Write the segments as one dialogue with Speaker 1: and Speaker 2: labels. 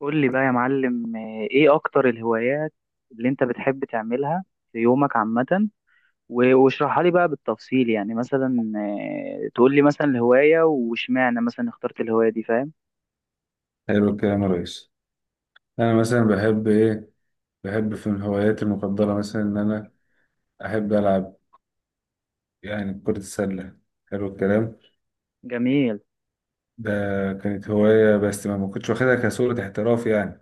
Speaker 1: قول لي بقى يا معلم ايه اكتر الهوايات اللي انت بتحب تعملها في يومك عامة. و- واشرحها لي بقى بالتفصيل، يعني مثلا تقول لي مثلا الهواية، واشمعنى مثلا اخترت الهواية دي؟ فاهم.
Speaker 2: حلو الكلام يا ريس. انا مثلا بحب ايه؟ بحب في من هواياتي المفضله مثلا ان انا احب العب يعني كره السله. حلو الكلام.
Speaker 1: جميل.
Speaker 2: ده كانت هوايه، بس ما كنتش واخدها كصوره احتراف يعني.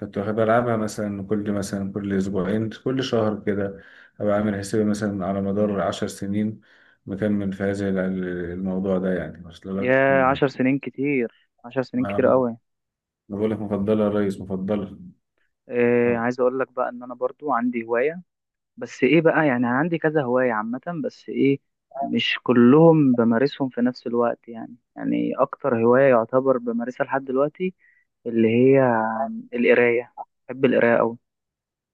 Speaker 2: كنت واخد بلعبها مثلا كل اسبوعين، كل شهر كده. ابقى عامل حسابي مثلا على مدار عشر سنين مكمل في الموضوع ده يعني. واصل لك
Speaker 1: يا 10 سنين كتير، 10 سنين
Speaker 2: ما
Speaker 1: كتير
Speaker 2: ما
Speaker 1: قوي.
Speaker 2: بقول لك مفضله يا ريس، مفضله.
Speaker 1: إيه عايز اقول لك بقى ان انا برضو عندي هواية، بس ايه بقى، يعني أنا عندي كذا هواية عامة، بس ايه مش كلهم بمارسهم في نفس الوقت. يعني يعني اكتر هواية يعتبر بمارسها لحد دلوقتي اللي هي القراية. بحب القراية أوي.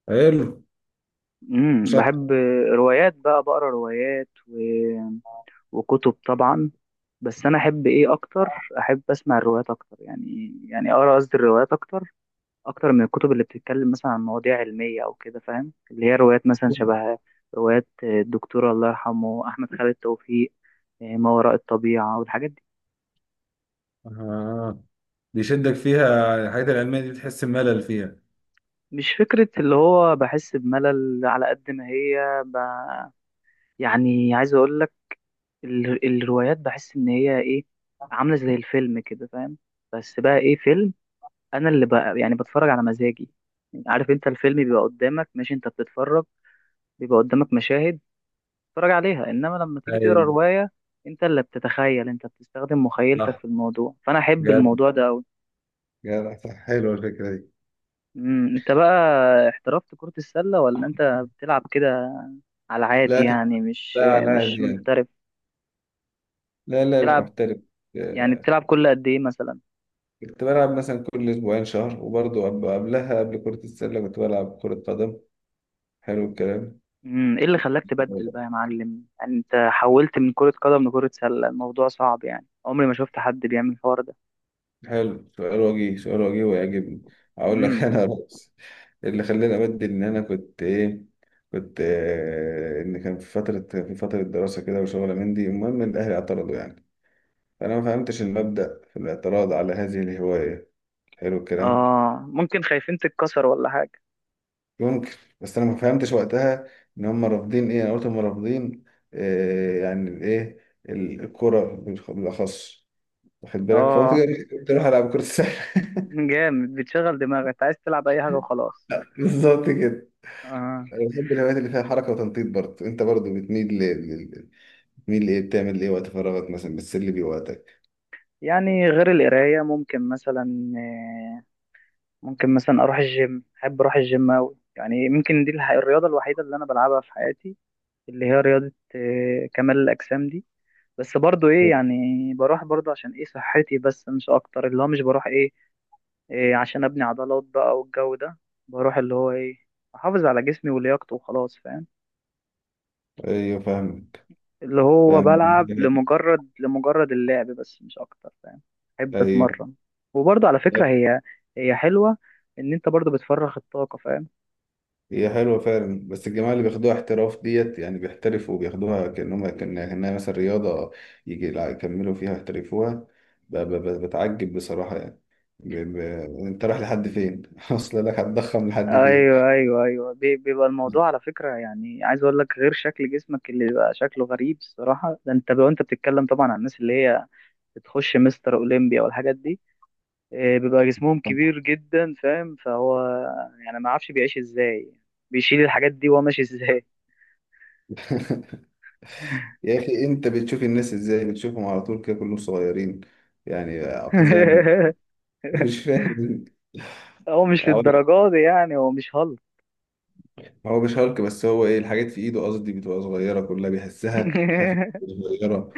Speaker 2: حلو. مش أكتر.
Speaker 1: بحب روايات بقى، بقرا روايات وكتب طبعا. بس انا احب ايه اكتر؟ احب اسمع الروايات اكتر، يعني يعني اقرا قصدي الروايات اكتر، اكتر من الكتب اللي بتتكلم مثلا عن مواضيع علميه او كده، فاهم؟ اللي هي روايات مثلا شبه روايات الدكتور الله يرحمه احمد خالد توفيق، إيه، ما وراء الطبيعه والحاجات دي.
Speaker 2: آه. بيشدك فيها الحاجات العلمية دي، بتحس بملل فيها؟
Speaker 1: مش فكره اللي هو بحس بملل على قد ما هي يعني عايز اقول لك ال- الروايات بحس ان هي ايه، عامله زي الفيلم كده فاهم. بس بقى ايه فيلم؟ انا اللي بقى يعني بتفرج على مزاجي، يعني عارف انت الفيلم بيبقى قدامك ماشي، انت بتتفرج، بيبقى قدامك مشاهد تتفرج عليها، انما لما تيجي تقرا
Speaker 2: اي،
Speaker 1: روايه انت اللي بتتخيل، انت بتستخدم مخيلتك
Speaker 2: صح.
Speaker 1: في الموضوع، فانا احب
Speaker 2: جدع.
Speaker 1: الموضوع ده قوي.
Speaker 2: جدع، صح، حلوة الفكرة دي.
Speaker 1: انت بقى احترفت كرة السلة؟ ولا انت بتلعب كده على عادي
Speaker 2: لا تف-
Speaker 1: يعني، مش
Speaker 2: لا لا،
Speaker 1: مش
Speaker 2: دي يعني،
Speaker 1: محترف؟
Speaker 2: لا لا مش
Speaker 1: بتلعب
Speaker 2: محترف.
Speaker 1: يعني؟
Speaker 2: آه،
Speaker 1: بتلعب كل قد ايه مثلا؟
Speaker 2: كنت بلعب مثلا كل أسبوعين، شهر، وبرضه قبلها، قبل كرة السلة كنت بلعب كرة قدم. حلو الكلام.
Speaker 1: ايه اللي خلاك تبدل بقى يا معلم؟ يعني انت حولت من كرة قدم لكرة سلة، الموضوع صعب يعني، عمري ما شفت حد بيعمل الحوار ده.
Speaker 2: حلو، سؤال وجيه، سؤال وجيه، ويعجبني. أقول لك،
Speaker 1: امم
Speaker 2: أنا رأس اللي خلاني أبدل إن أنا كنت إيه. كنت إن كان في فترة دراسة كده وشغلة من دي، المهم الأهلي اعترضوا يعني. فأنا ما فهمتش المبدأ في الاعتراض على هذه الهواية. حلو الكلام.
Speaker 1: اه ممكن خايفين تتكسر ولا حاجة.
Speaker 2: ممكن، بس أنا ما فهمتش وقتها إن هم رافضين إيه. أنا قلت هم رافضين آه يعني الإيه، الكرة بالأخص، واخد بالك، فقلت كده،
Speaker 1: اه
Speaker 2: قلت أروح ألعب كرة السلة.
Speaker 1: جامد، بتشغل دماغك، انت عايز تلعب اي حاجة وخلاص.
Speaker 2: بالظبط كده.
Speaker 1: اه.
Speaker 2: أنا بحب الهوايات اللي فيها حركة وتنطيط. برضه أنت برضه بتميل ل- بتميل لإيه؟ بتعمل إيه وقت فراغك؟ مثلا بتسلي بيه وقتك.
Speaker 1: يعني غير القراية، ممكن مثلا ممكن مثلا اروح الجيم، احب اروح الجيم اوي يعني. ممكن دي الرياضة الوحيدة اللي انا بلعبها في حياتي، اللي هي رياضة كمال الأجسام دي. بس برضو ايه يعني، بروح برضو عشان ايه؟ صحتي، بس مش اكتر. اللي هو مش بروح ايه، إيه، عشان ابني عضلات بقى والجو ده. بروح اللي هو ايه، احافظ على جسمي ولياقته وخلاص، فاهم.
Speaker 2: أيوه فاهمك.
Speaker 1: اللي هو
Speaker 2: فاهمك.
Speaker 1: بلعب لمجرد لمجرد اللعب بس، مش اكتر، فاهم. احب
Speaker 2: أيوه.
Speaker 1: اتمرن. وبرضو على فكرة هي هي حلوة ان انت برضو بتفرغ الطاقة، فاهم.
Speaker 2: هي حلوة فعلا، بس الجماعة اللي بياخدوها احتراف ديت يعني، بيحترفوا وبياخدوها كأنهم، كأنها، كأنها مثلا رياضة يجي لا يكملوا فيها، يحترفوها. بتعجب بصراحة يعني. ب... ب... انت رايح لحد فين؟ اصل لك، هتضخم لحد فين؟
Speaker 1: ايوه، ايوه، ايوه، بيبقى الموضوع على فكره، يعني عايز اقول لك غير شكل جسمك اللي بيبقى شكله غريب الصراحه ده، انت لو انت بتتكلم طبعا عن الناس اللي هي بتخش مستر اولمبيا والحاجات دي، بيبقى جسمهم كبير جدا، فاهم. فهو يعني ما اعرفش بيعيش ازاي، بيشيل الحاجات دي وهو ماشي ازاي؟
Speaker 2: يا اخي، انت بتشوف الناس ازاي؟ بتشوفهم على طول كده كلهم صغيرين يعني، اقزام؟ مش فاهم.
Speaker 1: هو مش
Speaker 2: أقول لك،
Speaker 1: للدرجة دي يعني، هو مش هالك.
Speaker 2: هو مش هالك، بس هو ايه الحاجات في ايده، قصدي بتبقى صغيرة كلها، بيحسها خفيفة، صغيرة.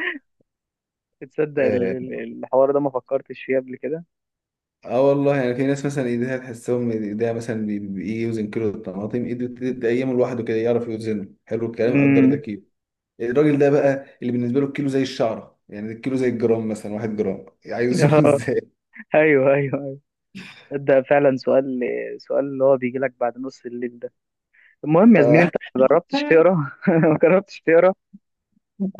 Speaker 1: تصدق
Speaker 2: آه،
Speaker 1: الحوار ده ما فكرتش فيه قبل كده.
Speaker 2: اه والله، يعني في ناس مثلا ايديها، تحسهم ايديها مثلا يوزن كيلو الطماطم، ايده تلات ايام لوحده كده يعرف يوزنه. حلو الكلام. قدر ده
Speaker 1: امم
Speaker 2: كيلو. الراجل ده بقى اللي بالنسبه له الكيلو زي الشعره، يعني الكيلو زي الجرام، مثلا واحد جرام عايز يوزنه
Speaker 1: اه،
Speaker 2: ازاي.
Speaker 1: ايوه ايوه أيوة. ده فعلا سؤال، سؤال اللي هو بيجي لك بعد نص الليل ده. المهم يا زميلي،
Speaker 2: آه.
Speaker 1: انت ما جربتش تقرا؟ ما جربتش.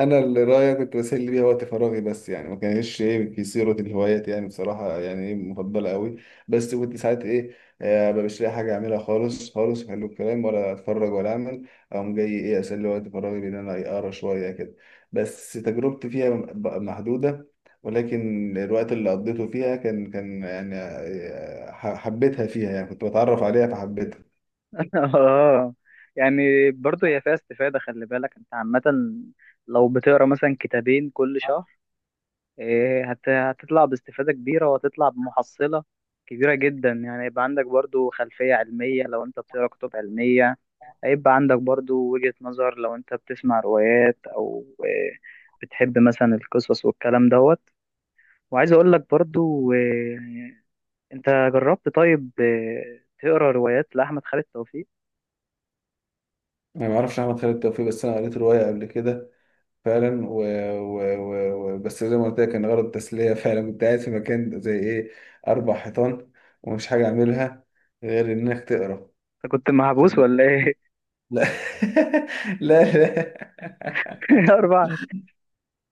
Speaker 2: انا اللي رايي، كنت بسلي بيها وقت فراغي بس، يعني ما كانش ايه في صيغه الهوايات يعني، بصراحه يعني ايه مفضله قوي. بس كنت ساعات ايه، ما مش لاقي حاجه اعملها خالص خالص، حلو الكلام، ولا اتفرج ولا اعمل، اقوم جاي ايه اسلي وقت فراغي بان انا إيه، اقرا شويه كده. بس تجربتي فيها محدوده، ولكن الوقت اللي قضيته فيها كان، كان يعني حبيتها فيها يعني، كنت بتعرف عليها فحبيتها.
Speaker 1: اه يعني برضه هي فيها استفادة، خلي بالك. انت عامة لو بتقرا مثلا كتابين كل شهر، إيه، هتطلع باستفادة كبيرة، وهتطلع بمحصلة كبيرة جدا، يعني يبقى عندك برضه خلفية علمية لو انت بتقرا كتب علمية، هيبقى عندك برضه وجهة نظر لو انت بتسمع روايات، او إيه، بتحب مثلا القصص والكلام دوت. وعايز اقول لك برضه إيه، انت جربت طيب إيه، تقرا روايات لأحمد خالد توفيق؟
Speaker 2: انا ما اعرفش احمد خالد توفيق، بس انا قريت روايه قبل كده فعلا، بس زي ما قلت لك، كان غرض التسلية. فعلا كنت قاعد في مكان زي ايه، أربع حيطان، ومش حاجة أعملها غير إنك تقرا،
Speaker 1: انت كنت
Speaker 2: واخد
Speaker 1: محبوس
Speaker 2: بالك.
Speaker 1: ولا ايه؟
Speaker 2: لا لا.
Speaker 1: أربعة،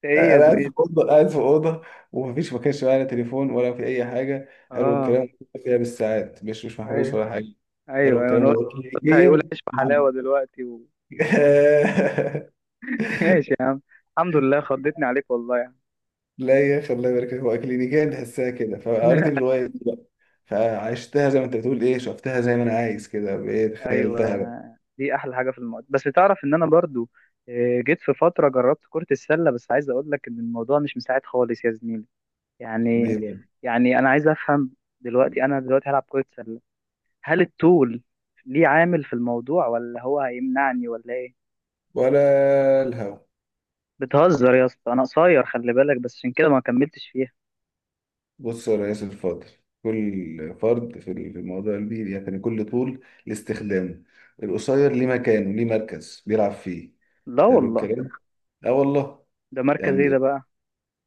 Speaker 1: إيه
Speaker 2: لا
Speaker 1: يا
Speaker 2: أنا قاعد في
Speaker 1: زميلي!
Speaker 2: أوضة، قاعد في أوضة، ومفيش، ما كانش معايا لا تليفون ولا في أي حاجة. حلو
Speaker 1: أه،
Speaker 2: الكلام فيها بالساعات، مش مش محبوس
Speaker 1: أيوه
Speaker 2: ولا حاجة. حلو
Speaker 1: أيوه أيوه، أنا
Speaker 2: الكلام.
Speaker 1: قلت،
Speaker 2: هو
Speaker 1: قلت هيقول
Speaker 2: كلينيكيا
Speaker 1: عيش بحلاوة دلوقتي ماشي يا عم، الحمد لله، خضتني عليك والله يعني.
Speaker 2: لا يا أخي الله يبارك فيك، هو كلينيكيا تحسها كده، فقريت الرواية فعشتها زي ما انت بتقول، ايه، شفتها زي ما انا عايز كده، بايه،
Speaker 1: أيوه.
Speaker 2: تخيلتها بقى.
Speaker 1: دي أحلى حاجة في الموضوع. بس تعرف إن أنا برضو جيت في فترة جربت كرة السلة، بس عايز أقول لك إن الموضوع مش مساعد خالص يا زميلي،
Speaker 2: بيه
Speaker 1: يعني
Speaker 2: بقى.
Speaker 1: يعني أنا عايز أفهم دلوقتي، أنا دلوقتي هلعب كرة سلة، هل الطول ليه عامل في الموضوع؟ ولا هو هيمنعني ولا إيه؟
Speaker 2: ولا الهوى.
Speaker 1: بتهزر يا اسطى، انا قصير خلي بالك، بس عشان كده ما كملتش فيها.
Speaker 2: بص يا ريس الفاضل، كل فرد في الموضوع دي يعني، كل طول لاستخدامه. القصير ليه مكانه، ليه مركز بيلعب فيه.
Speaker 1: لا
Speaker 2: حلو
Speaker 1: والله.
Speaker 2: الكلام. اه والله.
Speaker 1: ده مركز ايه ده
Speaker 2: يعني
Speaker 1: بقى؟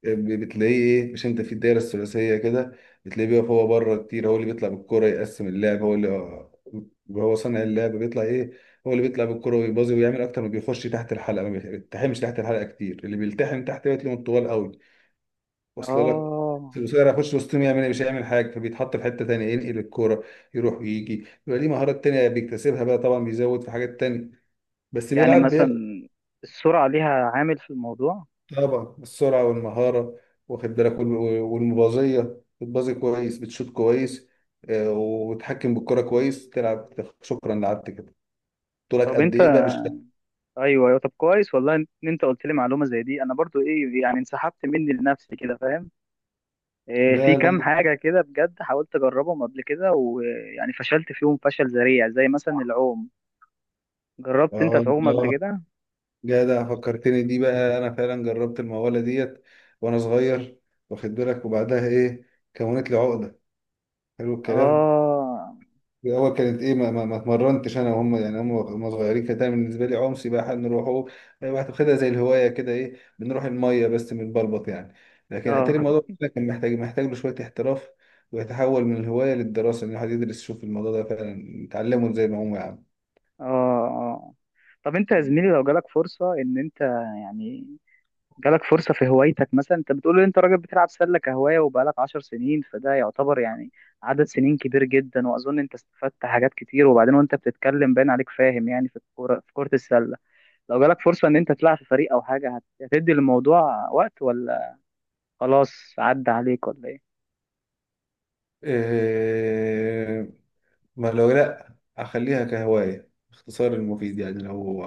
Speaker 2: بتلاقيه ايه، مش انت في الدايره الثلاثيه كده، بتلاقيه بيقف هو بره كتير، هو اللي بيطلع بالكره، يقسم اللعب، هو اللي هو صانع اللعب، بيطلع ايه، هو اللي بيطلع بالكره ويبازي ويعمل اكتر، ما بيخش تحت الحلقه، ما بيلتحمش تحت الحلقه كتير. اللي بيلتحم تحت بيتلاقيهم الطوال قوي، واصل لك.
Speaker 1: اه.
Speaker 2: القصير هيخش وسطهم يعمل ايه؟ مش هيعمل حاجه، فبيتحط في حته تانيه، ينقل الكوره، يروح ويجي، يبقى ليه مهارات تانيه بيكتسبها بقى طبعا، بيزود في حاجات تانيه بس
Speaker 1: يعني
Speaker 2: بيلعب.
Speaker 1: مثلا السرعة ليها عامل في الموضوع؟
Speaker 2: طبعا السرعة والمهارة، واخد بالك، والمبازية، بتبازي كويس، بتشوط كويس، وتحكم بالكرة كويس، تلعب. شكرا، لعبت كده. طولك
Speaker 1: طب
Speaker 2: قد
Speaker 1: انت،
Speaker 2: ايه بقى؟ مش
Speaker 1: ايوه ايوه، طب كويس والله ان انت قلت لي معلومة زي دي، انا برضو ايه يعني انسحبت مني لنفسي كده، فاهم. إيه، في
Speaker 2: لا لا.
Speaker 1: كام حاجة كده بجد حاولت اجربهم قبل كده، ويعني فشلت فيهم فشل ذريع، زي مثلا العوم. جربت انت
Speaker 2: اه.
Speaker 1: تعوم قبل
Speaker 2: آه.
Speaker 1: كده؟
Speaker 2: جدع، فكرتني دي بقى. انا فعلا جربت المقولة ديت وانا صغير، واخد بالك، وبعدها ايه، كونت لي عقدة. حلو الكلام.
Speaker 1: اه،
Speaker 2: هو كانت ايه، ما اتمرنتش انا وهم يعني، هم صغيرين، كانت دايما بالنسبه لي عوم سباحه نروحوا، واخدها زي الهوايه كده، ايه، بنروح الميه بس بنبلبط يعني. لكن اتاري
Speaker 1: اه.
Speaker 2: الموضوع ده كان محتاج له شويه احتراف، ويتحول من الهوايه للدراسه، ان الواحد يدرس يشوف الموضوع ده فعلا يتعلمه زي ما هم. يا
Speaker 1: اه، اه. طب انت يا زميلي لو جالك فرصة ان انت، يعني جالك فرصة في هوايتك، مثلا انت بتقول ان انت راجل بتلعب سلة كهواية وبقالك 10 سنين، فده يعتبر يعني عدد سنين كبير جدا، واظن انت استفدت حاجات كتير، وبعدين وانت بتتكلم باين عليك، فاهم يعني في الكورة في كرة السلة. لو جالك فرصة ان انت تلعب في فريق او حاجة، هتدي للموضوع وقت؟ ولا خلاص عدى عليك ولا ايه؟
Speaker 2: عم ما لو، لا اخليها كهواية، اختصار المفيد يعني. لو،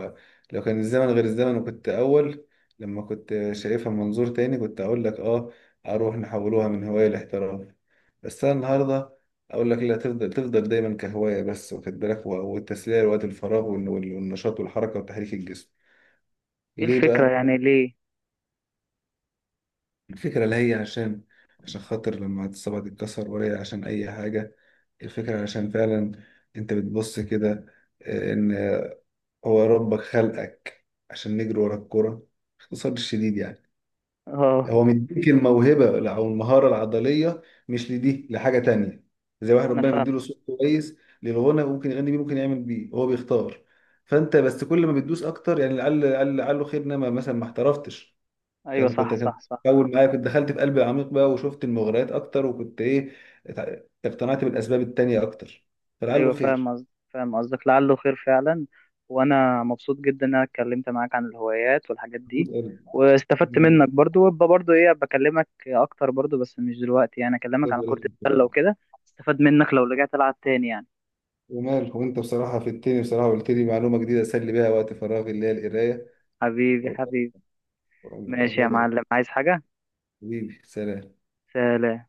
Speaker 2: لو كان الزمن غير الزمن، وكنت اول، لما كنت شايفها من منظور تاني، كنت اقول لك اه، اروح نحولوها من هواية لاحتراف. بس انا النهاردة اقول لك لا، تفضل، تفضل دايما كهواية بس، واخد بالك، والتسلية لوقت الفراغ، والنشاط والحركة وتحريك الجسم.
Speaker 1: ايه
Speaker 2: ليه
Speaker 1: الفكرة
Speaker 2: بقى؟
Speaker 1: يعني ليه؟
Speaker 2: الفكرة لا هي عشان، عشان خاطر لما الصبع تتكسر، ولا هي عشان اي حاجة. الفكرة عشان فعلا انت بتبص كده، ان هو ربك خلقك عشان نجري ورا الكرة، باختصار شديد يعني.
Speaker 1: اه
Speaker 2: هو مديك الموهبة أو المهارة العضلية، مش لدي لحاجة تانية. زي واحد
Speaker 1: انا
Speaker 2: ربنا
Speaker 1: فاهم.
Speaker 2: مديله صوت كويس للغنى، ممكن يغني بيه، ممكن يعمل بيه، هو بيختار. فأنت بس كل ما بتدوس أكتر يعني، لعله خير. إنما مثلا، ما احترفتش،
Speaker 1: ايوه
Speaker 2: كان كنت
Speaker 1: صح
Speaker 2: كان
Speaker 1: صح صح.
Speaker 2: أول معايا، كنت دخلت في قلب العميق بقى، وشفت المغريات أكتر، وكنت إيه، اقتنعت بالأسباب التانية أكتر، فلعله
Speaker 1: ايوه فاهم قصدك، فاهم قصدك، لعله خير فعلا. وانا مبسوط جدا ان انا اتكلمت معاك عن الهوايات والحاجات دي، واستفدت منك برضو، وابقى برضو ايه بكلمك اكتر برضو، بس مش دلوقتي، يعني اكلمك
Speaker 2: خير.
Speaker 1: عن كرة السلة وكده، استفاد منك لو رجعت العب تاني يعني.
Speaker 2: ومال، وانت بصراحة في التاني بصراحة قلت لي معلومة جديدة اسلي بيها وقت فراغي، اللي هي القراية.
Speaker 1: حبيبي حبيبي. ماشي
Speaker 2: والله
Speaker 1: يا
Speaker 2: يبارك فيك.
Speaker 1: معلم، عايز حاجة؟
Speaker 2: حبيبي سلام.
Speaker 1: سلام.